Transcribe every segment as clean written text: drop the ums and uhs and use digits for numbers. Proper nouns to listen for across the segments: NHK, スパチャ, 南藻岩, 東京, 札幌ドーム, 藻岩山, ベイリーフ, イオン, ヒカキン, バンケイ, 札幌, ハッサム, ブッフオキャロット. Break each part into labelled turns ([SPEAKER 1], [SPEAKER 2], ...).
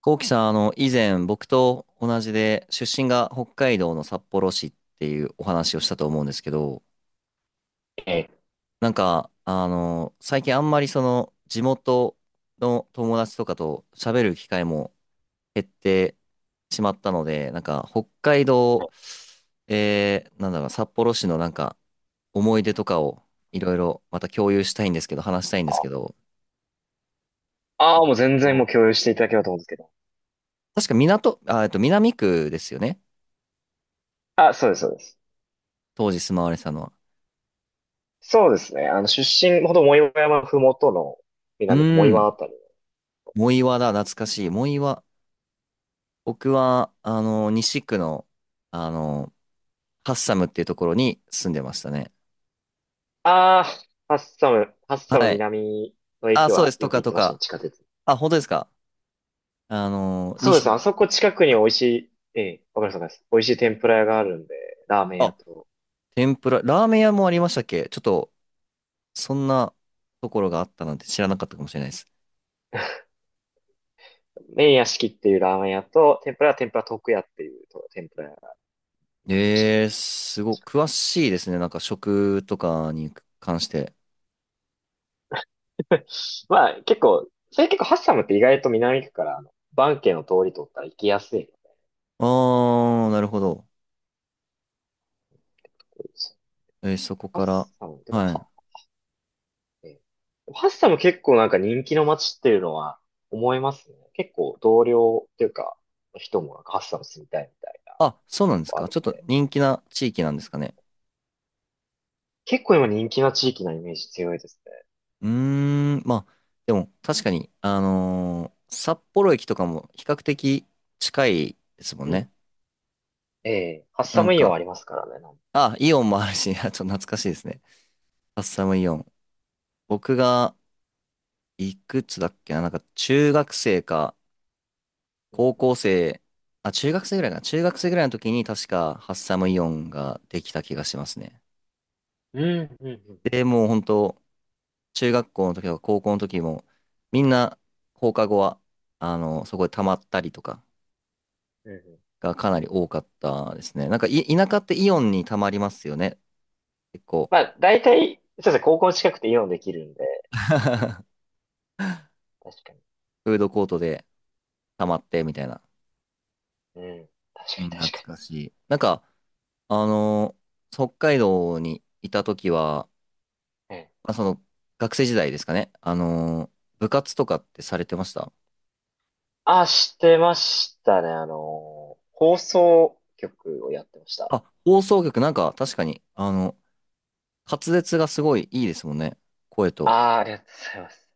[SPEAKER 1] こうきさん、以前僕と同じで出身が北海道の札幌市っていうお話をしたと思うんですけど、
[SPEAKER 2] ええ。
[SPEAKER 1] なんか、最近あんまりその地元の友達とかと喋る機会も減ってしまったので、なんか北海道、なんだろう、札幌市のなんか思い出とかをいろいろまた共有したいんですけど、話したいんですけど、
[SPEAKER 2] ああ、もう全然
[SPEAKER 1] そ
[SPEAKER 2] もう
[SPEAKER 1] う
[SPEAKER 2] 共有していただければと思うんですけど。
[SPEAKER 1] 確か港、あ、えっと、南区ですよね。
[SPEAKER 2] あ、そうです、そうです。
[SPEAKER 1] 当時住まわれてたのは。
[SPEAKER 2] そうですね。出身、ほど藻岩山ふもとの
[SPEAKER 1] う
[SPEAKER 2] 南藻
[SPEAKER 1] ー
[SPEAKER 2] 岩
[SPEAKER 1] ん。
[SPEAKER 2] あたり。
[SPEAKER 1] 藻岩だ、懐かしい。藻岩。僕は、西区の、あの、ハッサムっていうところに住んでましたね。
[SPEAKER 2] ああ、ハッサム、ハッサム
[SPEAKER 1] はい。
[SPEAKER 2] 南の
[SPEAKER 1] あ、
[SPEAKER 2] 駅
[SPEAKER 1] そうで
[SPEAKER 2] は
[SPEAKER 1] す。
[SPEAKER 2] よ
[SPEAKER 1] と
[SPEAKER 2] く
[SPEAKER 1] か
[SPEAKER 2] 行っ
[SPEAKER 1] と
[SPEAKER 2] てましたね、
[SPEAKER 1] か。
[SPEAKER 2] 地下鉄。
[SPEAKER 1] あ、本当ですか。
[SPEAKER 2] そうで
[SPEAKER 1] 西
[SPEAKER 2] す。あ
[SPEAKER 1] の。
[SPEAKER 2] そこ近くに
[SPEAKER 1] あ、
[SPEAKER 2] 美味しい、ええ、わかります、わかります。美味しい天ぷら屋があるんで、ラーメン屋
[SPEAKER 1] あ、
[SPEAKER 2] と、
[SPEAKER 1] 天ぷら。ラーメン屋もありましたっけちょっと、そんなところがあったなんて知らなかったかもしれないです。
[SPEAKER 2] 麺屋敷っていうラーメン屋と、天ぷらは天ぷら徳屋っていうと天ぷら屋がよく行ってました。
[SPEAKER 1] すごい、詳しいですね。なんか食とかに関して。
[SPEAKER 2] まあ、結構、それ結構ハッサムって意外と南区から、バンケイの通り通ったら行きやすい。
[SPEAKER 1] あー、なるほど。そこ
[SPEAKER 2] ハッ
[SPEAKER 1] から。
[SPEAKER 2] サム、でも、
[SPEAKER 1] はい。
[SPEAKER 2] は、えーハッサム結構なんか人気の街っていうのは思いますね。結構同僚っていうか、人もなんかハッサム住みたいみたいな、
[SPEAKER 1] あ、そうなんです
[SPEAKER 2] あ
[SPEAKER 1] か。
[SPEAKER 2] るん
[SPEAKER 1] ちょっと
[SPEAKER 2] で。
[SPEAKER 1] 人気な地域なんですかね。
[SPEAKER 2] 結構今人気な地域なイメージ強いです
[SPEAKER 1] うーん、まあ、でも確かに、札幌駅とかも比較的近いですもん
[SPEAKER 2] ね。うん。
[SPEAKER 1] ね。
[SPEAKER 2] ええ、ハッ
[SPEAKER 1] な
[SPEAKER 2] サ
[SPEAKER 1] ん
[SPEAKER 2] ムイオン
[SPEAKER 1] か、
[SPEAKER 2] ありますからね。なん、
[SPEAKER 1] あ、イオンもあるし、あちょっと懐かしいですね。カッサムイオン。僕が、いくつだっけな、なんか中学生か、
[SPEAKER 2] うん
[SPEAKER 1] 高校生、あ、中学生ぐらいかな。中学生ぐらいの時に確かハッサムイオンができた気がしますね。
[SPEAKER 2] うん、うん、うん、うん。
[SPEAKER 1] で、もう本当中学校の時とか高校の時も、みんな放課後は、そこで溜まったりとか、
[SPEAKER 2] うんうん、
[SPEAKER 1] がかなり多かったですね。なんかい、田舎ってイオンにたまりますよね。結構。
[SPEAKER 2] まあ、大体、そうですね、高校近くてイオンできるんで、確かに。
[SPEAKER 1] フードコートでたまってみたいな。
[SPEAKER 2] うん。確か
[SPEAKER 1] う
[SPEAKER 2] に、
[SPEAKER 1] ん、懐
[SPEAKER 2] 確か
[SPEAKER 1] かしい。なんか、あのー北海道にいた時は、
[SPEAKER 2] に。ええ、
[SPEAKER 1] まあ、その、学生時代ですかね。部活とかってされてました？
[SPEAKER 2] あ、してましたね。放送局をやってました。
[SPEAKER 1] あ、放送局なんか確かに、滑舌がすごいいいですもんね。声と。
[SPEAKER 2] ああ、ありがとうございます。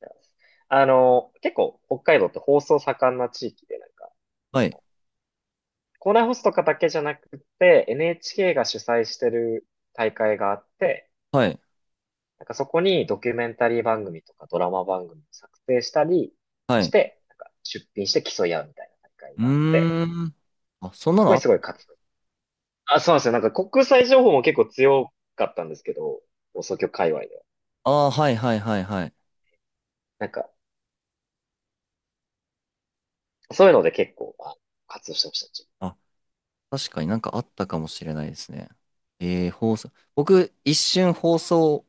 [SPEAKER 2] ありがとうございます。結構北海道って放送盛んな地域で、なんか、
[SPEAKER 1] はい、
[SPEAKER 2] 校内放送とかだけじゃなくて、NHK が主催してる大会があって、
[SPEAKER 1] はい、
[SPEAKER 2] なんかそこにドキュメンタリー番組とかドラマ番組を作成したり
[SPEAKER 1] は
[SPEAKER 2] し
[SPEAKER 1] い。
[SPEAKER 2] て、なんか出品して競い合うみたいな大会
[SPEAKER 1] う
[SPEAKER 2] があって、
[SPEAKER 1] ーん。あ、そんな
[SPEAKER 2] そこに
[SPEAKER 1] の
[SPEAKER 2] すごい活動。あ、そうなんですよ。なんか国際情報も結構強かったんですけど、放送局界隈では。
[SPEAKER 1] あ、あーはいはいはいはい。
[SPEAKER 2] なんか、そういうので結構、まあ、活動してました。
[SPEAKER 1] あ確かになんかあったかもしれないですね。放送。僕、一瞬放送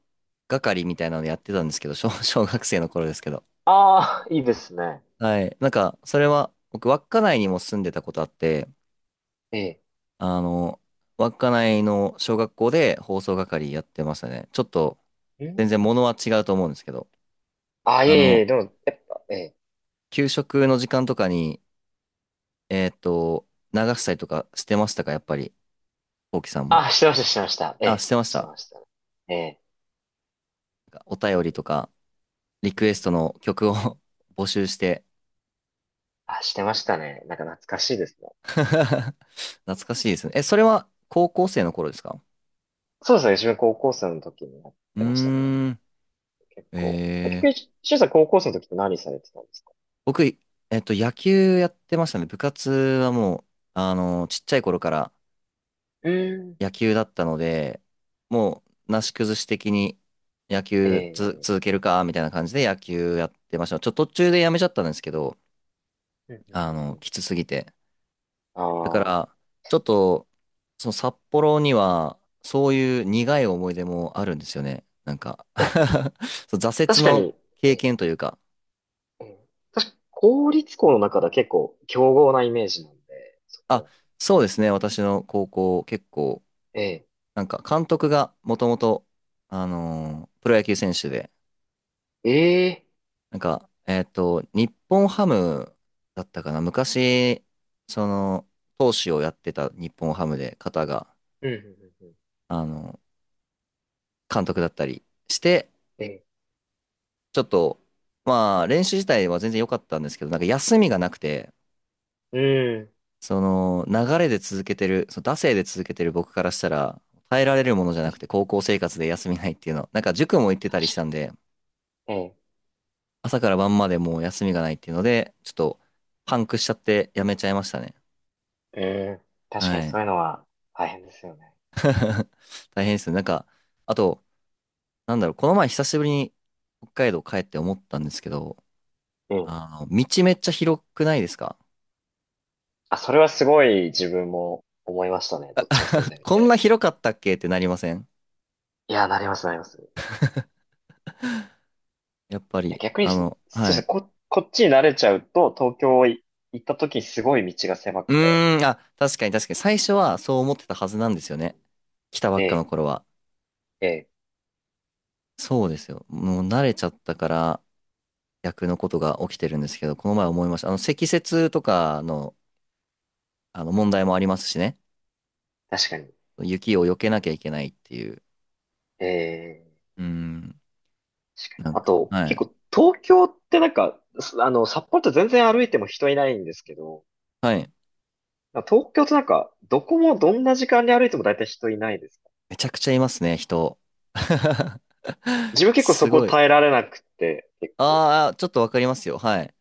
[SPEAKER 1] 係みたいなのやってたんですけど、小、小学生の頃ですけど。
[SPEAKER 2] ああー、いいですね。
[SPEAKER 1] はい。なんか、それは、僕、稚内にも住んでたことあって、
[SPEAKER 2] ええ、
[SPEAKER 1] あの、稚内の小学校で放送係やってましたね。ちょっと、
[SPEAKER 2] え
[SPEAKER 1] 全然
[SPEAKER 2] ー、
[SPEAKER 1] 物は違うと思うんですけど、
[SPEAKER 2] あ、いえ
[SPEAKER 1] あ
[SPEAKER 2] い
[SPEAKER 1] の、
[SPEAKER 2] え、でも、やっぱ、ええ。
[SPEAKER 1] 給食の時間とかに、えっと、流したりとかしてましたか、やっぱり、こうきさんも？
[SPEAKER 2] あ、してました、してました。え
[SPEAKER 1] あ、し
[SPEAKER 2] え、
[SPEAKER 1] てまし
[SPEAKER 2] して
[SPEAKER 1] た。
[SPEAKER 2] ましたね。ええ。
[SPEAKER 1] お便りとか。リ
[SPEAKER 2] う
[SPEAKER 1] クエス
[SPEAKER 2] ん。
[SPEAKER 1] トの曲を 募集して
[SPEAKER 2] あ、してましたね。なんか懐かしいですね。
[SPEAKER 1] 懐かしいですね。え、それは高校生の頃ですか？
[SPEAKER 2] そうですね。自分高校生の時にやっ
[SPEAKER 1] う
[SPEAKER 2] てましたね。
[SPEAKER 1] ーん、
[SPEAKER 2] 結構。え、
[SPEAKER 1] えー、
[SPEAKER 2] 結局、しゅんさん高校生の時って何されてたんですか？
[SPEAKER 1] 僕、野球やってましたね。部活はもう、ちっちゃい頃から
[SPEAKER 2] うーん、
[SPEAKER 1] 野球だったので、もう、なし崩し的に野
[SPEAKER 2] え
[SPEAKER 1] 球続
[SPEAKER 2] え。
[SPEAKER 1] けるか、みたいな感じで野球やってました。ちょっと途中でやめちゃったんですけど、
[SPEAKER 2] うんうんうんうん、
[SPEAKER 1] きつすぎて。だか
[SPEAKER 2] あ
[SPEAKER 1] ら、ちょっと、その札幌には、そういう苦い思い出もあるんですよね。なんか
[SPEAKER 2] あ。
[SPEAKER 1] そう挫
[SPEAKER 2] 確
[SPEAKER 1] 折
[SPEAKER 2] か
[SPEAKER 1] の
[SPEAKER 2] に、え
[SPEAKER 1] 経
[SPEAKER 2] え、
[SPEAKER 1] 験というか、
[SPEAKER 2] ええ。確か、公立校の中では結構強豪なイメージなんで、そこ
[SPEAKER 1] あ、
[SPEAKER 2] は。
[SPEAKER 1] そうですね、私の高校、結構、
[SPEAKER 2] え
[SPEAKER 1] なんか監督がもともと、プロ野球選手で、
[SPEAKER 2] え、ええ。
[SPEAKER 1] なんか、日本ハムだったかな、昔、その、投手をやってた日本ハムで、方が、
[SPEAKER 2] うん、うん、うんうん。
[SPEAKER 1] あの、監督だったりして、
[SPEAKER 2] ええ、
[SPEAKER 1] ちょっと、まあ、練習自体は全然良かったんですけど、なんか休みがなくて、
[SPEAKER 2] うん。
[SPEAKER 1] その、流れで続けてる、その、惰性で続けてる僕からしたら、耐えられるものじゃなくて、高校生活で休みないっていうの。なんか塾も行ってた
[SPEAKER 2] 確
[SPEAKER 1] りした
[SPEAKER 2] か
[SPEAKER 1] んで、
[SPEAKER 2] に。ええ、
[SPEAKER 1] 朝から晩までもう休みがないっていうので、ちょっと、パンクしちゃってやめちゃいましたね。
[SPEAKER 2] ええ、確かに
[SPEAKER 1] はい。
[SPEAKER 2] そういうのは大変ですよね。
[SPEAKER 1] 大変ですね。なんか、あと、なんだろう、この前久しぶりに北海道帰って思ったんですけど、
[SPEAKER 2] うん。
[SPEAKER 1] 道めっちゃ広くないですか？
[SPEAKER 2] あ、それはすごい自分も思いましたね。どっちも住ん でみ
[SPEAKER 1] こん
[SPEAKER 2] て。
[SPEAKER 1] な広かったっけってなりません？
[SPEAKER 2] いや、なります、なります。い
[SPEAKER 1] やっぱ
[SPEAKER 2] や、
[SPEAKER 1] り、
[SPEAKER 2] 逆に、そうです
[SPEAKER 1] は
[SPEAKER 2] ね、
[SPEAKER 1] い。
[SPEAKER 2] こ、こっちに慣れちゃうと、東京い行った時にすごい道が狭
[SPEAKER 1] う
[SPEAKER 2] くて。
[SPEAKER 1] ーん、あ、確かに確かに。最初はそう思ってたはずなんですよね。来たば
[SPEAKER 2] え
[SPEAKER 1] っかの
[SPEAKER 2] え、
[SPEAKER 1] 頃は。
[SPEAKER 2] ええ、
[SPEAKER 1] そうですよ。もう慣れちゃったから逆のことが起きてるんですけど、この前思いました。積雪とかの、あの問題もありますしね。
[SPEAKER 2] 確かに。
[SPEAKER 1] 雪を避けなきゃいけないっていう。
[SPEAKER 2] ええ、
[SPEAKER 1] うーん、なん
[SPEAKER 2] あ
[SPEAKER 1] か、
[SPEAKER 2] と、
[SPEAKER 1] はい。
[SPEAKER 2] 結構、東京ってなんか、す、札幌って全然歩いても人いないんですけど、
[SPEAKER 1] はい。
[SPEAKER 2] 東京ってなんか、どこもどんな時間に歩いても大体人いないです。
[SPEAKER 1] めちゃくちゃいますね、人。
[SPEAKER 2] 自分結構そ
[SPEAKER 1] す
[SPEAKER 2] こ
[SPEAKER 1] ごい。
[SPEAKER 2] 耐えられなくて、結構。
[SPEAKER 1] ああ、ちょっとわかりますよ。はい。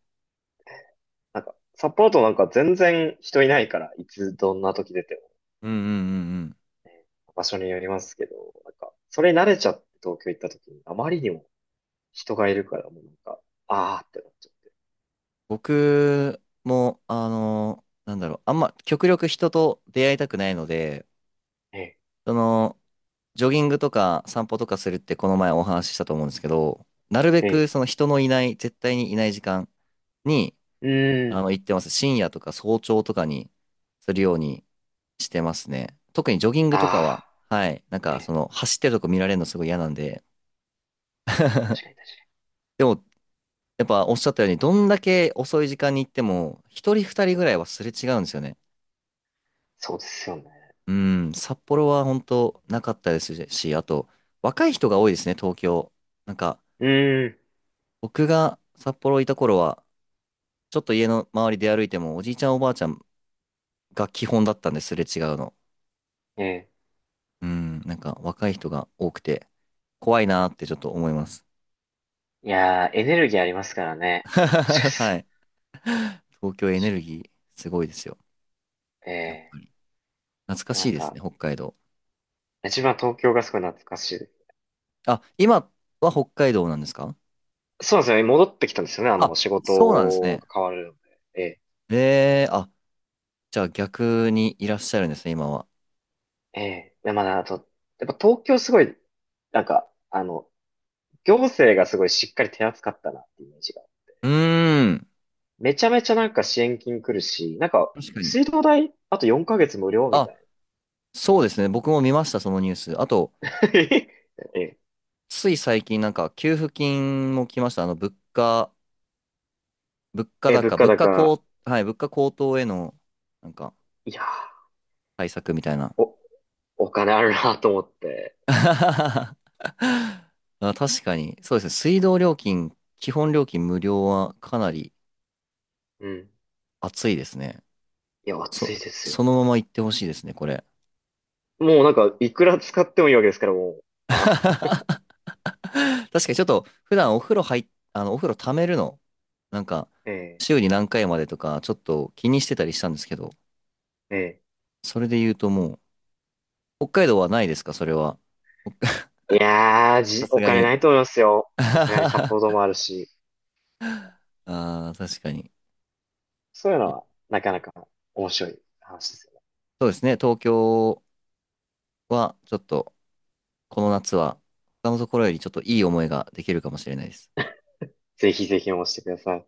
[SPEAKER 2] なんか、サポートなんか全然人いないから、いつどんな時出ても
[SPEAKER 1] うんうんうんうん。
[SPEAKER 2] ね、場所によりますけど、なんか、それ慣れちゃって東京行った時に、あまりにも人がいるから、もうなんか、あーってなっちゃって。
[SPEAKER 1] 僕も、なんだろう、あんま極力人と出会いたくないので、
[SPEAKER 2] ええ、
[SPEAKER 1] その、ジョギングとか散歩とかするってこの前お話ししたと思うんですけど、なるべ
[SPEAKER 2] え
[SPEAKER 1] く
[SPEAKER 2] え、
[SPEAKER 1] その人のいない、絶対にいない時間に、
[SPEAKER 2] うーん、
[SPEAKER 1] 行ってます。深夜とか早朝とかにするようにしてますね。特にジョギングとかは、
[SPEAKER 2] あ
[SPEAKER 1] はい、なん
[SPEAKER 2] ー、え
[SPEAKER 1] かそ
[SPEAKER 2] え、
[SPEAKER 1] の、走ってるとこ見られるのすごい嫌なんで、
[SPEAKER 2] 確かに確かに。
[SPEAKER 1] でも、やっぱおっしゃったように、どんだけ遅い時間に行っても、一人二人ぐらいはすれ違うんですよね。
[SPEAKER 2] そうですよね。
[SPEAKER 1] うん、札幌は本当なかったですし、あと、若い人が多いですね、東京。なんか、
[SPEAKER 2] うーん、
[SPEAKER 1] 僕が札幌いた頃は、ちょっと家の周りで歩いても、おじいちゃんおばあちゃんが基本だったんです、すれ違うの。
[SPEAKER 2] ええ、
[SPEAKER 1] うん、なんか若い人が多くて、怖いなーってちょっと思います。
[SPEAKER 2] いやー、エネルギーありますからね。確かに
[SPEAKER 1] は
[SPEAKER 2] そ
[SPEAKER 1] い。
[SPEAKER 2] う、
[SPEAKER 1] 東京エネル
[SPEAKER 2] 確
[SPEAKER 1] ギー、すごいですよ。
[SPEAKER 2] かに、え
[SPEAKER 1] やっぱ
[SPEAKER 2] え、
[SPEAKER 1] り。懐か
[SPEAKER 2] でもな
[SPEAKER 1] しい
[SPEAKER 2] ん
[SPEAKER 1] です
[SPEAKER 2] か、
[SPEAKER 1] ね、北海道。
[SPEAKER 2] 自分は東京がすごい懐かしいです。
[SPEAKER 1] あ、今は北海道なんですか？
[SPEAKER 2] そうなんですよね。戻ってきたんですよね。
[SPEAKER 1] あ、
[SPEAKER 2] 仕
[SPEAKER 1] そうなんです
[SPEAKER 2] 事
[SPEAKER 1] ね。
[SPEAKER 2] が変わるので。ええ、
[SPEAKER 1] あ、じゃあ逆にいらっしゃるんですね、今は。
[SPEAKER 2] ええ、でまだ、あと、やっぱ東京すごい、なんか、行政がすごいしっかり手厚かったなっていうイメージが。
[SPEAKER 1] うーん。
[SPEAKER 2] めちゃめちゃなんか支援金来るし、なんか、
[SPEAKER 1] 確かに。
[SPEAKER 2] 水道代、あと4ヶ月無料みた
[SPEAKER 1] あ、
[SPEAKER 2] い
[SPEAKER 1] そうですね。僕も見ました、そのニュース。あと、
[SPEAKER 2] な。ええ、
[SPEAKER 1] つい最近なんか給付金も来ました。物価、物価
[SPEAKER 2] え、物
[SPEAKER 1] 高、
[SPEAKER 2] 価
[SPEAKER 1] 物価
[SPEAKER 2] 高、
[SPEAKER 1] 高、はい、物価高騰への、なんか、
[SPEAKER 2] いやー、
[SPEAKER 1] 対策みたいな。
[SPEAKER 2] お、お金あるなと思って。
[SPEAKER 1] あ、確かに。そうですね。水道料金、基本料金無料はかなり
[SPEAKER 2] うん。
[SPEAKER 1] 熱いですね。
[SPEAKER 2] いや、暑い
[SPEAKER 1] そ、
[SPEAKER 2] ですよ
[SPEAKER 1] そ
[SPEAKER 2] ね。
[SPEAKER 1] のまま行ってほしいですね、これ。
[SPEAKER 2] もうなんか、いくら使ってもいいわけですから、もう。あ、
[SPEAKER 1] 確かにちょっと普段お風呂溜めるの、なんか、
[SPEAKER 2] ええ、
[SPEAKER 1] 週に何回までとか、ちょっと気にしてたりしたんですけど、
[SPEAKER 2] え
[SPEAKER 1] それで言うともう、北海道はないですか？それは。ほ
[SPEAKER 2] え。いやー、
[SPEAKER 1] さ
[SPEAKER 2] じ、
[SPEAKER 1] す
[SPEAKER 2] お
[SPEAKER 1] が
[SPEAKER 2] 金な
[SPEAKER 1] に。
[SPEAKER 2] いと思いますよ。さすがに札
[SPEAKER 1] あ
[SPEAKER 2] 幌ドームあるし。
[SPEAKER 1] あ、確かに。
[SPEAKER 2] そういうのは、なかなか面白い話ですよね。
[SPEAKER 1] そうですね、東京はちょっと、この夏は、他のところよりちょっといい思いができるかもしれないです。
[SPEAKER 2] ぜひぜひ応募してください。